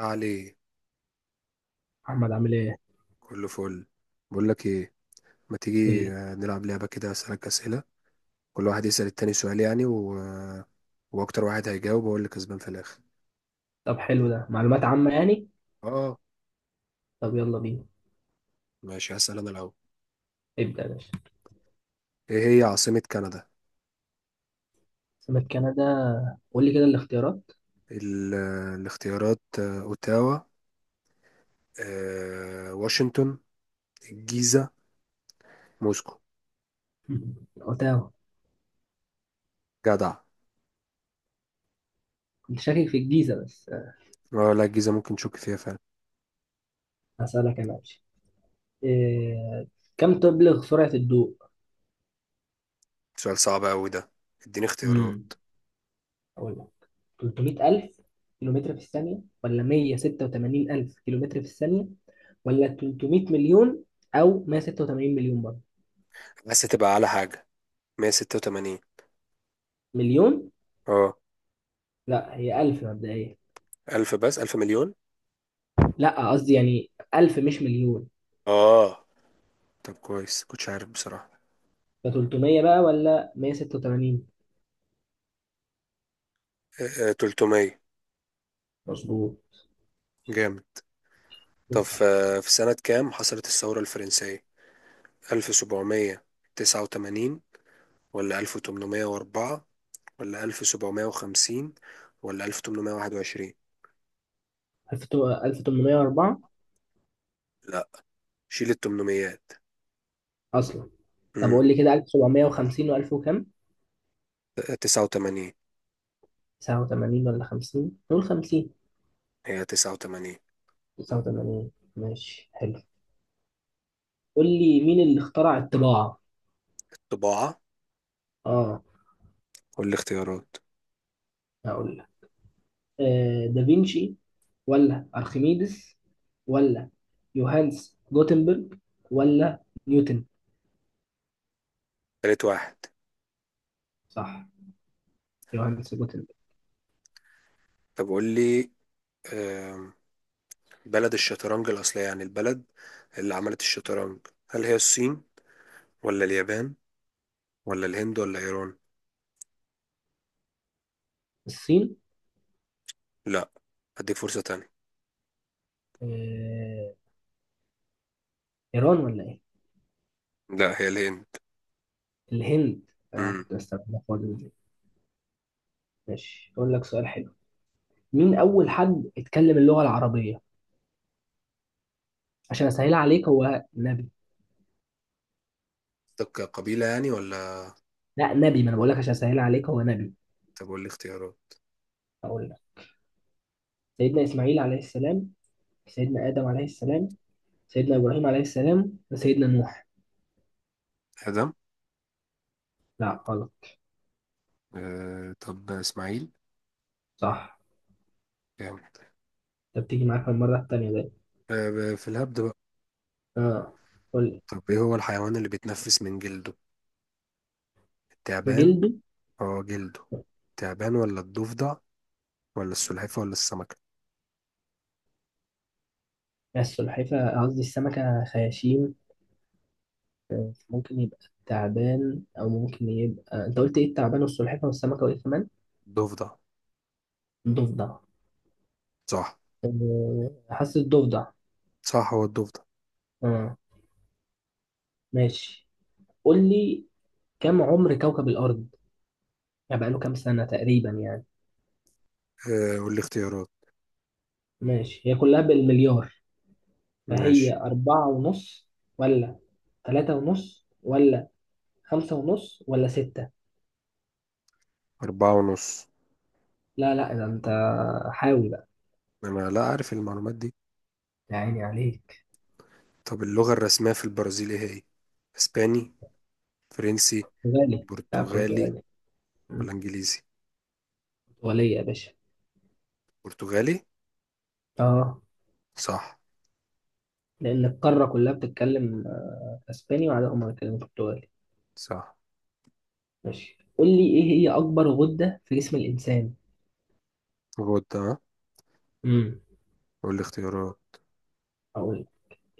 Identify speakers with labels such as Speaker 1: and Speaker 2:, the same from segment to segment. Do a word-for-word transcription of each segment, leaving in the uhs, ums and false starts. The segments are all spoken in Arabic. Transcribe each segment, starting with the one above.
Speaker 1: عليه.
Speaker 2: محمد عامل ايه؟
Speaker 1: كله فل. بقول لك ايه، ما
Speaker 2: قول
Speaker 1: تيجي
Speaker 2: لي.
Speaker 1: آه، نلعب لعبة كده، اسألك أسئلة. كل واحد يسأل التاني سؤال يعني و... آه، واكتر واحد هيجاوب هو اللي كسبان في الاخر.
Speaker 2: طب حلو ده معلومات عامة يعني؟
Speaker 1: اه،
Speaker 2: طب يلا بينا،
Speaker 1: ماشي، هسأل انا الاول.
Speaker 2: ابدأ يا باشا.
Speaker 1: ايه هي عاصمة كندا؟
Speaker 2: سمك كندا، قول لي كده الاختيارات.
Speaker 1: ال... آه، الاختيارات: آه، اوتاوا، آه، واشنطن، الجيزة، موسكو.
Speaker 2: اوتاوا.
Speaker 1: جدع.
Speaker 2: كنت شاكك في الجيزة بس.
Speaker 1: اه، لا، الجيزة ممكن تشك فيها فعلا.
Speaker 2: هسألك انا ماشي. إيه... كم تبلغ سرعة الضوء؟
Speaker 1: سؤال صعب قوي ده. اديني
Speaker 2: امم
Speaker 1: اختيارات.
Speaker 2: اقول لك، تلتمية ألف كيلومتر في الثانية، ولا مية وستة وتمانين ألف كيلومتر في الثانية، ولا تلتمية مليون، او مية وستة وتمانين مليون برضه.
Speaker 1: بس تبقى على حاجة. مية ستة وتمانين.
Speaker 2: مليون.
Speaker 1: اه،
Speaker 2: لا هي ألف مبدئيا.
Speaker 1: ألف بس، ألف مليون.
Speaker 2: لا قصدي يعني ألف مش مليون.
Speaker 1: اه. طب كويس، كنتش عارف بصراحة.
Speaker 2: ده تلتمية بقى ولا مية وستة وتمانين؟
Speaker 1: آه، تلتمية.
Speaker 2: مظبوط.
Speaker 1: جامد. طب
Speaker 2: اسأل.
Speaker 1: في آه، في سنة كام حصلت الثورة الفرنسية؟ ألف وسبعمية تسعة وتمانين ولا ألف وتمنمية وأربعة ولا ألف وسبعمية وخمسين ولا ألف وثمانمئة وواحد وعشرون؟
Speaker 2: ألف وتمنمية واربعة.
Speaker 1: لا، شيل التمنميات.
Speaker 2: أصلا طب
Speaker 1: امم
Speaker 2: قول لي كده، ألف وسبعمائة وخمسين و1000 وكام؟
Speaker 1: تسعة وتمانين.
Speaker 2: تسعة وتمانين ولا خمسين؟ نقول خمسين.
Speaker 1: هي تسعة وتمانين.
Speaker 2: تسعة وتمانين ماشي حلو. قول لي، مين اللي اخترع الطباعة؟
Speaker 1: طباعة.
Speaker 2: اه.
Speaker 1: قول لي اختيارات.
Speaker 2: هقول لك، آه دافينشي، ولا أرخميدس، ولا يوهانس جوتنبرج، ولا نيوتن؟
Speaker 1: تالت واحد.
Speaker 2: صح، يوهانس جوتنبرج.
Speaker 1: طب قول لي، آم، بلد الشطرنج الأصلية، يعني البلد اللي عملت الشطرنج. هل هي الصين ولا اليابان ولا الهند ولا إيران؟
Speaker 2: الصين.
Speaker 1: لا، هديك فرصة تانية.
Speaker 2: آه، إيران ولا إيه؟
Speaker 1: لا، هي الهند.
Speaker 2: الهند. آه
Speaker 1: امم
Speaker 2: كنت بستخدمها في وجبة دي. ماشي أقول لك سؤال حلو. مين أول حد اتكلم اللغة العربية؟ عشان أسهل عليك، هو نبي.
Speaker 1: قصدك قبيلة يعني، ولا...
Speaker 2: لا نبي، ما أنا بقول لك عشان أسهل عليك هو نبي.
Speaker 1: طب قول لي اختيارات.
Speaker 2: أقول لك، سيدنا إسماعيل عليه السلام، سيدنا آدم عليه السلام، سيدنا إبراهيم عليه السلام، وسيدنا نوح.
Speaker 1: آدم.
Speaker 2: لا غلط.
Speaker 1: آه، طب إسماعيل.
Speaker 2: صح.
Speaker 1: جامد.
Speaker 2: أنت بتيجي معاك المرة التانية ده.
Speaker 1: آه، في الهبد بقى.
Speaker 2: آه. قول لي.
Speaker 1: طب إيه هو الحيوان اللي بيتنفس من جلده؟ التعبان.
Speaker 2: جلده؟
Speaker 1: اه، جلده. التعبان ولا الضفدع ولا السلحفاة ولا السمكة؟
Speaker 2: السلحفاة، قصدي السمكة خياشيم. آه، ممكن يبقى تعبان، أو ممكن يبقى، أنت قلت إيه؟ التعبان والسلحفاة والسمكة وإيه كمان؟
Speaker 1: الضفدع.
Speaker 2: ضفدع.
Speaker 1: صح.
Speaker 2: أه، حاسس ضفدع.
Speaker 1: صح، هو الضفدع.
Speaker 2: اه. ماشي، قول لي، كم عمر كوكب الأرض؟ يعني بقاله كام سنة تقريبا يعني.
Speaker 1: آه، قول لي اختيارات.
Speaker 2: ماشي هي كلها بالمليار.
Speaker 1: ماشي.
Speaker 2: فهي أربعة ونص، ولا ثلاثة ونص، ولا خمسة ونص، ولا ستة؟
Speaker 1: أربعة ونص.
Speaker 2: لا لا ده أنت، حاول بقى.
Speaker 1: أنا لا أعرف المعلومات دي.
Speaker 2: يا عيني عليك.
Speaker 1: طب اللغة الرسمية في البرازيل إيه هي؟ اسباني، فرنسي،
Speaker 2: برتغالي. لا
Speaker 1: برتغالي
Speaker 2: برتغالي. مم،
Speaker 1: ولا انجليزي؟
Speaker 2: برتغالية يا باشا.
Speaker 1: برتغالي.
Speaker 2: اه،
Speaker 1: صح.
Speaker 2: لأن القارة كلها بتتكلم آه، أسباني، وعلى هم بيتكلموا برتغالي.
Speaker 1: صح.
Speaker 2: ماشي، قول لي إيه هي أكبر غدة في جسم الإنسان؟
Speaker 1: غدة ها؟
Speaker 2: امم
Speaker 1: والاختيارات؟
Speaker 2: أقول،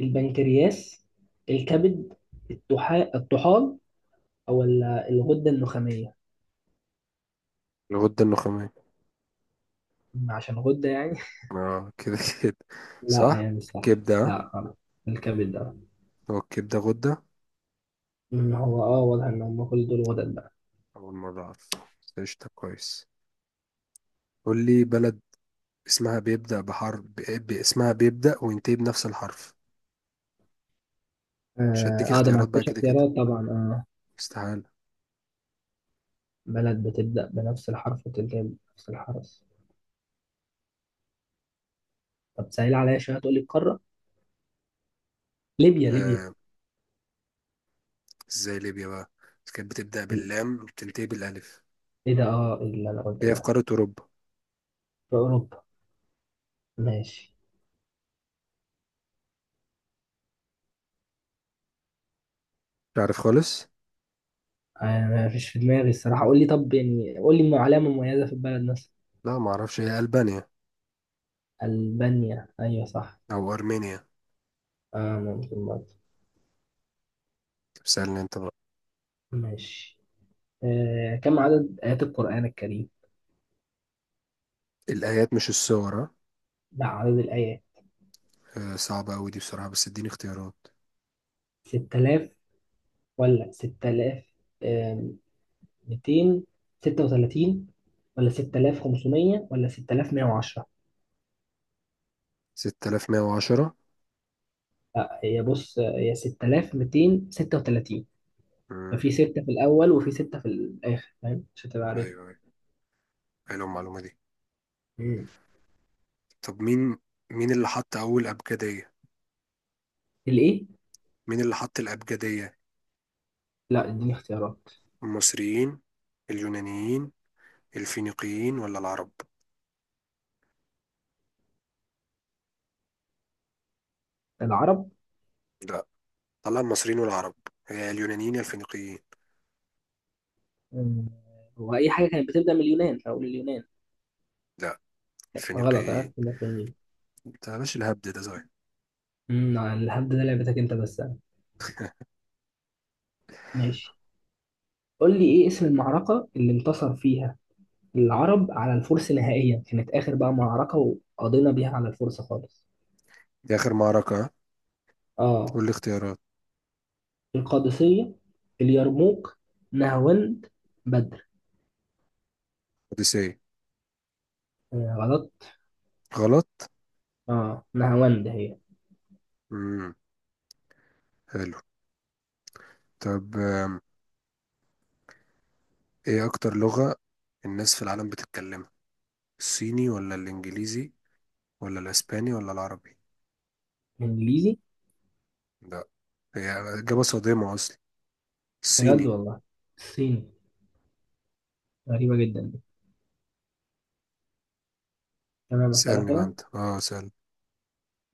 Speaker 2: البنكرياس، الكبد، الطحا- الطحال، أو ال- الغدة النخامية.
Speaker 1: الغدة النخامية.
Speaker 2: أم عشان غدة يعني.
Speaker 1: اه، كده كده.
Speaker 2: لا
Speaker 1: صح.
Speaker 2: يعني، صح
Speaker 1: كبدة ها؟
Speaker 2: لا غلط. الكبد ده.
Speaker 1: هو الكبدة غدة؟
Speaker 2: أم هو اه واضح ان هم كل دول غدد بقى.
Speaker 1: أول مرة أعرف، بس قشطة، كويس. قول لي بلد اسمها بيبدأ بحرف ب... ب- اسمها بيبدأ وينتهي بنفس الحرف. مش
Speaker 2: اه.
Speaker 1: هديك
Speaker 2: آه، ده ما
Speaker 1: اختيارات بقى،
Speaker 2: فيهاش
Speaker 1: كده كده
Speaker 2: اختيارات طبعا. اه.
Speaker 1: استحالة.
Speaker 2: بلد بتبدأ بنفس الحرف وتنتهي بنفس الحرف. طب سهل عليا شوية، تقول لي القارة. ليبيا ليبيا.
Speaker 1: آه. ازاي ليبيا بقى، بس كانت بتبدأ باللام وبتنتهي بالألف.
Speaker 2: ايه ده، اه اللي انا قلته
Speaker 1: هي في
Speaker 2: ده.
Speaker 1: قارة أوروبا.
Speaker 2: في اوروبا. ماشي،
Speaker 1: تعرف خالص.
Speaker 2: انا ما فيش في دماغي الصراحة، قول لي طب يعني، قول لي علامة مميزة في البلد.
Speaker 1: لا، ما اعرفش. هي ألبانيا.
Speaker 2: ألبانيا، أيوة صح.
Speaker 1: أو أرمينيا.
Speaker 2: آه ممكن برضه.
Speaker 1: طب سألني انت بقى.
Speaker 2: ماشي. آه كم عدد آيات القرآن الكريم؟
Speaker 1: الآيات مش السور، ها؟
Speaker 2: لا عدد الآيات.
Speaker 1: آه، صعبة أوي دي بصراحة، بس اديني اختيارات.
Speaker 2: ستة آلاف، ولا ستة آلاف ومئتين وستة وتلاتين، ولا ستة آلاف وخمسمية، ولا ستة آلاف ومائة وعشرة؟
Speaker 1: ستة آلاف ومئة وعشرة.
Speaker 2: هي بص، هي ستة آلاف ومئتين وستة وتلاتين.
Speaker 1: امم،
Speaker 2: ففي ستة في الأول وفي ستة في الآخر، فاهم؟ مش هتبقى عارفها.
Speaker 1: ايوه، ايوه، حلوه المعلومة دي.
Speaker 2: مم.
Speaker 1: طب مين مين اللي حط أول أبجدية؟
Speaker 2: الإيه؟
Speaker 1: مين اللي حط الأبجدية؟
Speaker 2: لا اديني اختيارات.
Speaker 1: المصريين، اليونانيين، الفينيقيين ولا العرب؟
Speaker 2: العرب.
Speaker 1: لا. طلع المصريين والعرب. هي اليونانيين يا الفينيقيين.
Speaker 2: مم. هو أي حاجة كانت بتبدأ من اليونان أو اليونان.
Speaker 1: لا،
Speaker 2: غلط
Speaker 1: الفينيقيين.
Speaker 2: ها.
Speaker 1: انت يا باشا، الهبد ده صحيح.
Speaker 2: امم الهبد ده لعبتك انت بس. ماشي، قول لي ايه اسم المعركة اللي انتصر فيها العرب على الفرس نهائيا، كانت اخر بقى معركة وقضينا بيها على الفرس خالص.
Speaker 1: دي آخر معركة، ها؟
Speaker 2: اه.
Speaker 1: قول لي اختيارات.
Speaker 2: القادسية، اليرموك، نهاوند، بدر.
Speaker 1: أوديسيه.
Speaker 2: آه غلط.
Speaker 1: غلط؟
Speaker 2: اه نهاوند هي.
Speaker 1: امم حلو. طب آم، ايه اكتر لغة الناس في العالم بتتكلمها؟ الصيني ولا الانجليزي ولا الاسباني ولا العربي؟
Speaker 2: انجليزي.
Speaker 1: لا. هي اجابة صادمة اصلا.
Speaker 2: بجد
Speaker 1: الصيني.
Speaker 2: والله؟ الصيني، غريبة جدا دي. تمام اسألك
Speaker 1: سألني بقى
Speaker 2: انا.
Speaker 1: انت. اه، سأل.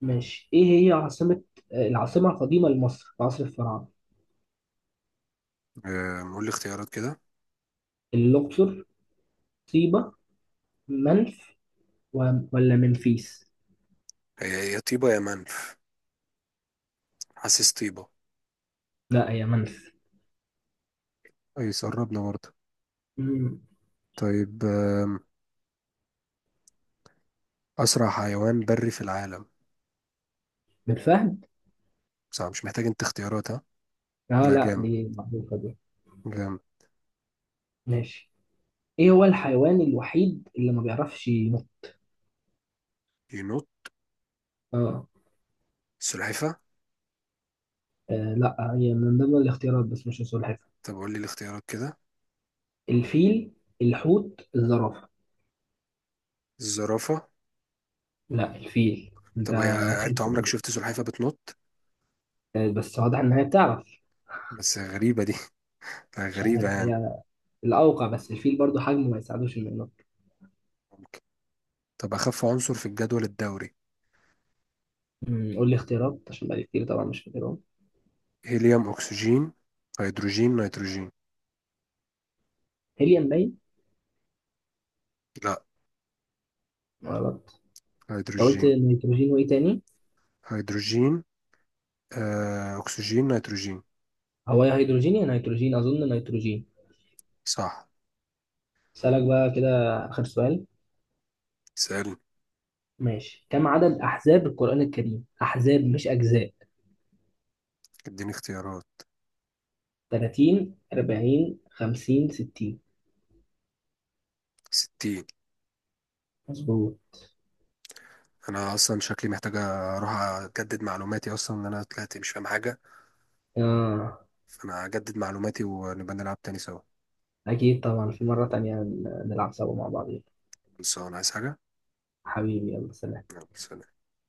Speaker 2: ماشي، ايه هي عاصمة، آه، العاصمة القديمة لمصر في عصر الفراعنة؟
Speaker 1: آه، قول لي اختيارات كده.
Speaker 2: الاقصر، طيبة، منف، و- ولا منفيس؟
Speaker 1: هي يا طيبة يا منف. حاسس طيبة.
Speaker 2: لا هي منف.
Speaker 1: اي، قربنا برضه.
Speaker 2: مم.
Speaker 1: طيب آم، اسرع حيوان بري في العالم.
Speaker 2: بالفهم.
Speaker 1: صعب، مش محتاج انت اختيارات، ها؟
Speaker 2: اه
Speaker 1: لا،
Speaker 2: لا
Speaker 1: جامد.
Speaker 2: دي معروفة دي.
Speaker 1: جامد.
Speaker 2: ماشي. ايه هو الحيوان الوحيد اللي ما بيعرفش ينط؟
Speaker 1: ينوت؟
Speaker 2: اه.
Speaker 1: سلحفة.
Speaker 2: آه، لا هي من ضمن الاختيارات بس مش السلحفاة.
Speaker 1: طب قول لي الاختيارات كده.
Speaker 2: الفيل، الحوت، الزرافة.
Speaker 1: الزرافة.
Speaker 2: لا الفيل انت.
Speaker 1: طب هي، انت
Speaker 2: خير.
Speaker 1: عمرك شفت سلحفة بتنط؟
Speaker 2: آه، بس واضح ان هي بتعرف.
Speaker 1: بس غريبة دي. آه،
Speaker 2: مش
Speaker 1: غريبة
Speaker 2: عارف،
Speaker 1: يعني.
Speaker 2: هي الاوقع، بس الفيل برضو حجمه ما يساعدوش انه ينط.
Speaker 1: ممكن. طب أخف عنصر في الجدول الدوري؟
Speaker 2: مم، قول لي اختيارات عشان بقالي كتير طبعا مش فاكرهم.
Speaker 1: هيليوم، أكسجين، هيدروجين، نيتروجين.
Speaker 2: هيليوم باين.
Speaker 1: لا،
Speaker 2: غلط. انت قلت
Speaker 1: هيدروجين.
Speaker 2: نيتروجين وايه تاني؟
Speaker 1: هيدروجين، آه، أكسجين، نيتروجين.
Speaker 2: هو يا هيدروجين يا نيتروجين، أظن نيتروجين.
Speaker 1: صح.
Speaker 2: أسألك بقى كده، آخر سؤال.
Speaker 1: سألني.
Speaker 2: ماشي، كم عدد أحزاب القرآن الكريم؟ أحزاب مش أجزاء.
Speaker 1: اديني اختيارات.
Speaker 2: تلاتين، أربعين، خمسين، ستين؟
Speaker 1: ستين.
Speaker 2: مظبوط.
Speaker 1: أنا أصلا شكلي محتاج أروح أجدد معلوماتي، أصلا إن أنا طلعت مش فاهم حاجة.
Speaker 2: آه.
Speaker 1: فأنا هجدد معلوماتي ونبقى نلعب تاني سوا.
Speaker 2: أكيد طبعا في مرة تانية نلعب سوا مع بعض.
Speaker 1: بس أنا عايز حاجة.
Speaker 2: حبيبي يلا سلام.
Speaker 1: يلا، سلام.